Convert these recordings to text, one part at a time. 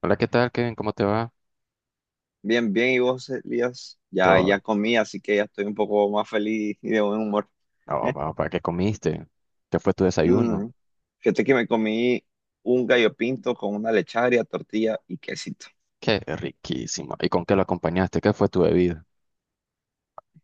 Hola, ¿qué tal, Kevin? ¿Cómo te va? Bien, bien, y vos, Elías, ya, Todo. ya comí, así que ya estoy un poco más feliz y de buen humor. Oh, va, va, ¿qué comiste? ¿Qué fue tu desayuno? Mm, Fíjate que me comí un gallo pinto con una lecharia, tortilla y quesito. Qué riquísimo. ¿Y con qué lo acompañaste? ¿Qué fue tu bebida?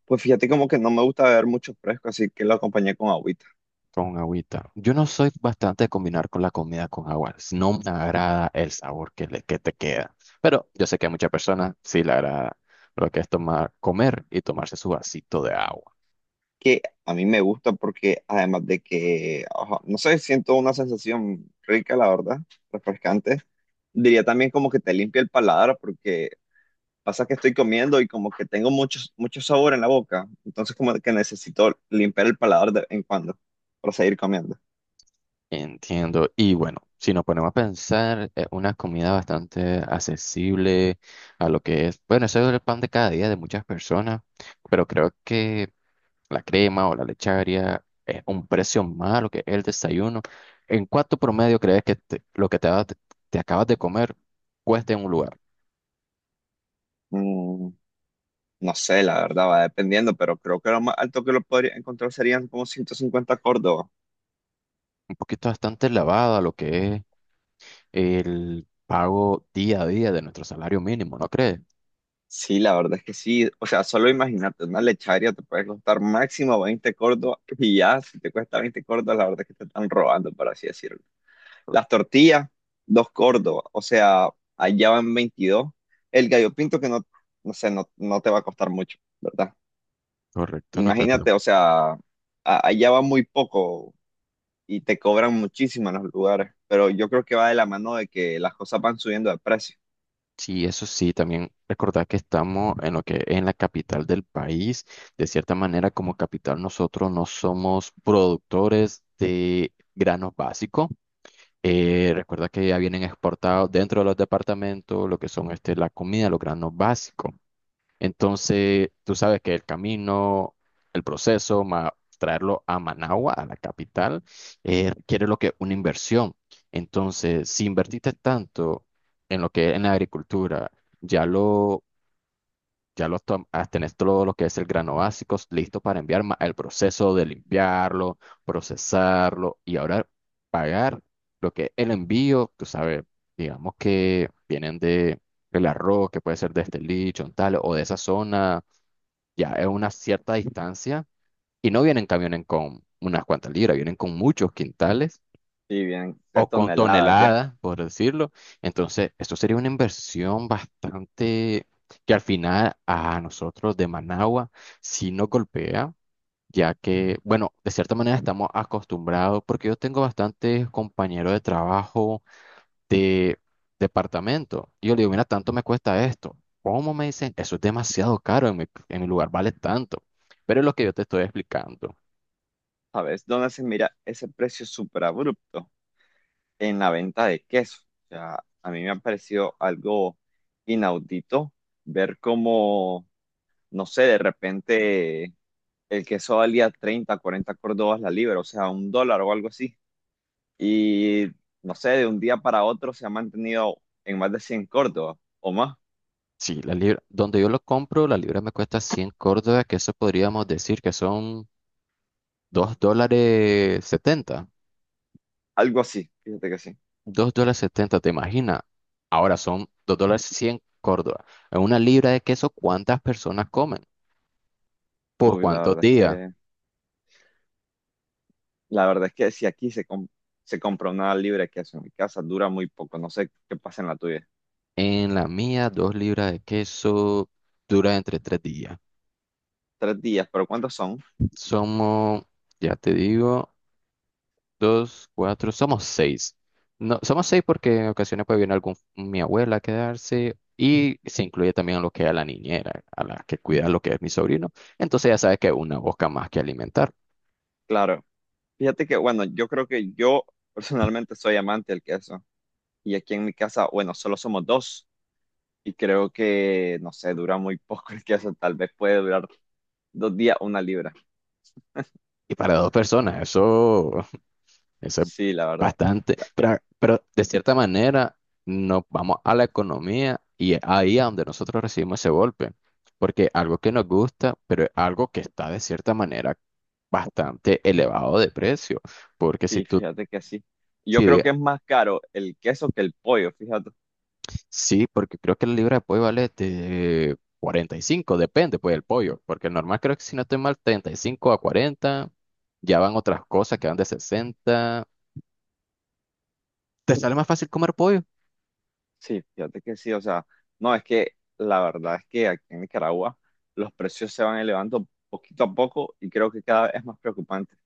Pues fíjate como que no me gusta beber mucho fresco, así que lo acompañé con agüita, Con agüita. Yo no soy bastante de combinar con la comida con agua. No me agrada el sabor que te queda. Pero yo sé que a muchas personas sí le agrada lo que es tomar, comer y tomarse su vasito de agua. que a mí me gusta porque además de que, ajá, no sé, siento una sensación rica, la verdad, refrescante. Diría también como que te limpia el paladar porque pasa que estoy comiendo y como que tengo mucho, mucho sabor en la boca, entonces como que necesito limpiar el paladar de vez en cuando para seguir comiendo. Entiendo. Y bueno, si nos ponemos a pensar, es una comida bastante accesible a lo que es, bueno, eso es el pan de cada día de muchas personas, pero creo que la crema o la lecharia es un precio más a lo que es el desayuno. ¿En cuánto promedio crees que lo que te acabas de comer cuesta en un lugar? Mm, no sé, la verdad, va dependiendo, pero creo que lo más alto que lo podría encontrar serían como 150 Córdoba. Un poquito bastante elevado a lo que es el pago día a día de nuestro salario mínimo, ¿no crees? Sí, la verdad es que sí. O sea, solo imagínate, una lecharia te puede costar máximo 20 Córdoba y ya, si te cuesta 20 Córdoba, la verdad es que te están robando, por así decirlo. Las tortillas, 2 Córdoba, o sea, allá van 22. El gallo pinto que no, no sé, no, no te va a costar mucho, ¿verdad? Correcto, no te. Imagínate, o sea, allá va muy poco y te cobran muchísimo en los lugares, pero yo creo que va de la mano de que las cosas van subiendo de precio. Sí, eso sí, también recordar que estamos en lo que es en la capital del país. De cierta manera, como capital, nosotros no somos productores de granos básicos. Recuerda que ya vienen exportados dentro de los departamentos lo que son este, la comida, los granos básicos. Entonces, tú sabes que el camino, el proceso, más traerlo a Managua, a la capital, requiere lo que una inversión. Entonces, si invertiste tanto en lo que es en la agricultura, ya lo, tenés todo lo que es el grano básico listo para enviar, más el proceso de limpiarlo, procesarlo y ahora pagar lo que es el envío, tú sabes, digamos que vienen de el arroz, que puede ser de este licho, tal, o de esa zona, ya es una cierta distancia y no vienen camiones con unas cuantas libras, vienen con muchos quintales Y bien, de o con tonelada ya, toneladas, por decirlo. Entonces, esto sería una inversión bastante que al final a nosotros de Managua sí nos golpea, ya que, bueno, de cierta manera estamos acostumbrados, porque yo tengo bastantes compañeros de trabajo de departamento. Y yo le digo, mira, tanto me cuesta esto. ¿Cómo me dicen? Eso es demasiado caro, en mi lugar vale tanto. Pero es lo que yo te estoy explicando. ¿sabes? ¿Dónde se mira ese precio súper abrupto? En la venta de queso. O sea, a mí me ha parecido algo inaudito ver cómo, no sé, de repente el queso valía 30 40 córdobas la libra, o sea, un dólar o algo así. Y no sé, de un día para otro se ha mantenido en más de 100 córdobas o más, Sí, la libra, donde yo lo compro, la libra me cuesta 100 córdobas, que eso podríamos decir que son $2.70. algo así, fíjate que sí. ¿Te imaginas? Ahora son $2 100 córdobas. En una libra de queso, ¿cuántas personas comen? ¿Por Uy, cuántos días? La verdad es que si aquí se compra una libra de queso en mi casa, dura muy poco, no sé qué pasa en la tuya. En la mía, 2 libras de queso dura entre 3 días. Tres días, pero ¿cuántos son? Somos, ya te digo, dos, cuatro, somos seis. No, somos seis porque en ocasiones puede venir algún, mi abuela a quedarse y se incluye también a lo que es a la niñera, a la que cuida lo que es mi sobrino. Entonces ya sabes que es una boca más que alimentar. Claro, fíjate que, bueno, yo creo que yo personalmente soy amante del queso. Y aquí en mi casa, bueno, solo somos dos. Y creo que, no sé, dura muy poco el queso, tal vez puede durar 2 días una libra. Y para dos personas, eso. Eso es Sí, la verdad. bastante, La- pero de cierta manera nos vamos a la economía y es ahí a donde nosotros recibimos ese golpe, porque algo que nos gusta, pero es algo que está de cierta manera bastante elevado de precio, porque si Sí, tú, fíjate que sí. Yo si creo que de- es más caro el queso que el pollo, fíjate. sí, porque creo que la libra de pollo vale de 45, depende pues del pollo, porque el normal creo que si no estoy mal 35 a 40, ya van otras cosas que van de 60, te sale más fácil comer pollo. Sí, fíjate que sí, o sea, no, es que la verdad es que aquí en Nicaragua los precios se van elevando poquito a poco y creo que cada vez es más preocupante.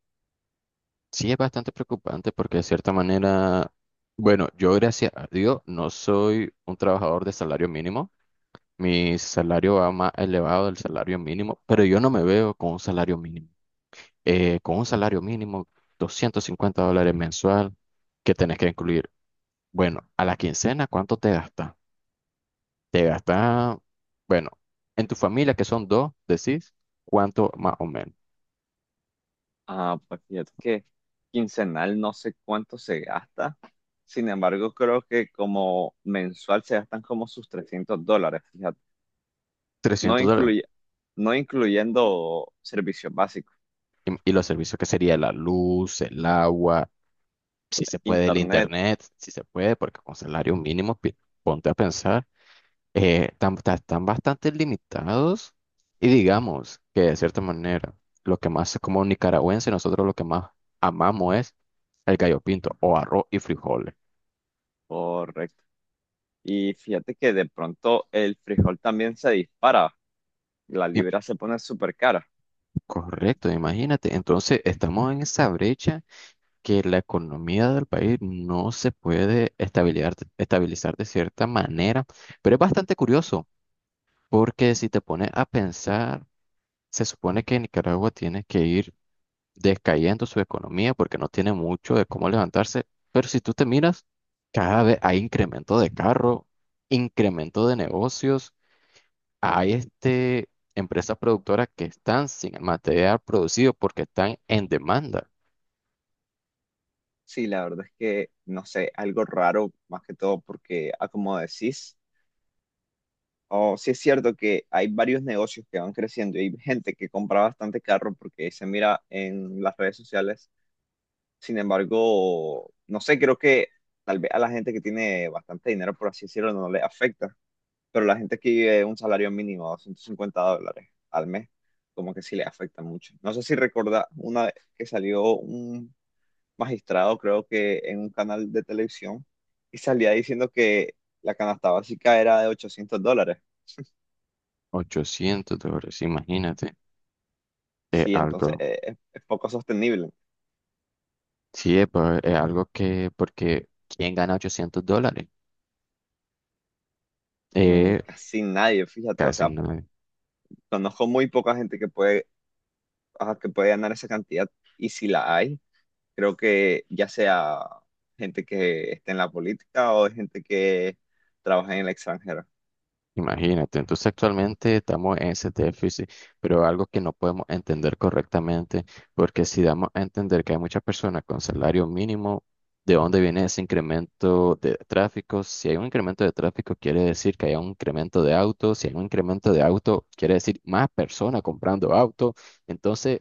Sí, es bastante preocupante porque de cierta manera, bueno, yo gracias a Dios no soy un trabajador de salario mínimo. Mi salario va más elevado del salario mínimo, pero yo no me veo con un salario mínimo. Con un salario mínimo, $250 mensual, ¿que tenés que incluir? Bueno, a la quincena, ¿cuánto te gasta? Te gasta, bueno, en tu familia, que son dos, decís, ¿cuánto más o menos? Ah, pues fíjate que quincenal no sé cuánto se gasta, sin embargo creo que como mensual se gastan como sus $300, fíjate. no $300. incluye, no incluyendo servicios básicos, Y los servicios que sería la luz, el agua, si se puede el internet, internet, si se puede, porque con salario mínimo, ponte a pensar, están bastante limitados y digamos que de cierta manera, lo que más como nicaragüense, nosotros lo que más amamos es el gallo pinto o arroz y frijoles. correcto. Y fíjate que de pronto el frijol también se dispara, la Y- libra se pone súper cara. Correcto, imagínate. Entonces estamos en esa brecha que la economía del país no se puede estabilizar de cierta manera, pero es bastante curioso porque si te pones a pensar. Se supone que Nicaragua tiene que ir descayendo su economía porque no tiene mucho de cómo levantarse, pero si tú te miras, cada vez hay incremento de carro, incremento de negocios, hay este, empresas productoras que están sin el material producido porque están en demanda. Sí, la verdad es que, no sé, algo raro, más que todo porque, ah, como decís, o sí, es cierto que hay varios negocios que van creciendo y hay gente que compra bastante carro porque se mira en las redes sociales. Sin embargo, no sé, creo que tal vez a la gente que tiene bastante dinero, por así decirlo, no le afecta, pero la gente que vive un salario mínimo de $150 al mes, como que sí le afecta mucho. No sé si recuerda una vez que salió un magistrado, creo que en un canal de televisión, y salía diciendo que la canasta básica era de $800. $800, imagínate, es Sí, entonces algo, es poco sostenible. sí, es, es algo que, porque ¿quién gana $800? Eh, Casi nadie, fíjate, o casi sea, no. conozco muy poca gente que puede, ajá, que puede ganar esa cantidad. Y si la hay, creo que ya sea gente que esté en la política o gente que trabaja en el extranjero. Imagínate, entonces actualmente estamos en ese déficit, pero algo que no podemos entender correctamente, porque si damos a entender que hay muchas personas con salario mínimo, ¿de dónde viene ese incremento de tráfico? Si hay un incremento de tráfico, quiere decir que hay un incremento de autos, si hay un incremento de auto, quiere decir más personas comprando autos. Entonces,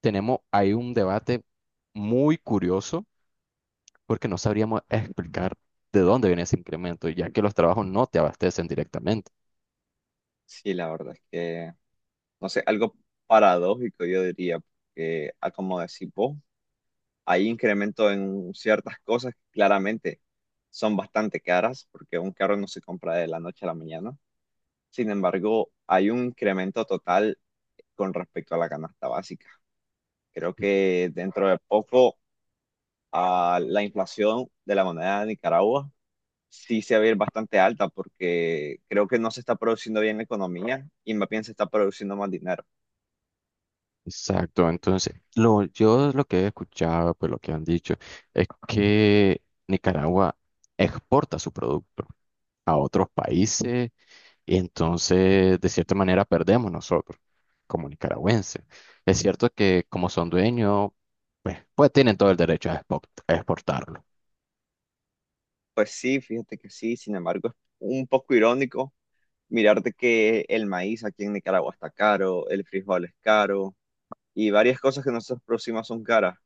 tenemos ahí un debate muy curioso, porque no sabríamos explicar de dónde viene ese incremento, ya que los trabajos no te abastecen directamente. Sí, la verdad es que, no sé, algo paradójico, yo diría, porque, ah, como decís vos, hay incremento en ciertas cosas que claramente son bastante caras, porque un carro no se compra de la noche a la mañana. Sin embargo, hay un incremento total con respecto a la canasta básica. Creo que dentro de poco a la inflación de la moneda de Nicaragua sí se va a ir bastante alta, porque creo que no se está produciendo bien la economía y más bien se está produciendo más dinero. Exacto, entonces lo, yo lo que he escuchado, pues lo que han dicho, es que Nicaragua exporta su producto a otros países y entonces de cierta manera perdemos nosotros como nicaragüenses. Es cierto que como son dueños, pues, pues tienen todo el derecho a a exportarlo. Pues sí, fíjate que sí, sin embargo, es un poco irónico mirarte que el maíz aquí en Nicaragua está caro, el frijol es caro y varias cosas que nosotros producimos son caras.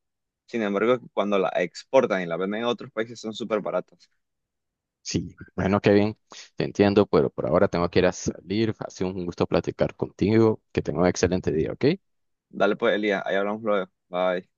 Sin embargo, cuando la exportan y la venden en otros países son súper baratas. Sí, bueno, Kevin, te entiendo, pero por ahora tengo que ir a salir. Ha sido un gusto platicar contigo, que tenga un excelente día, ¿ok? Dale pues, Elías, ahí hablamos luego. Bye.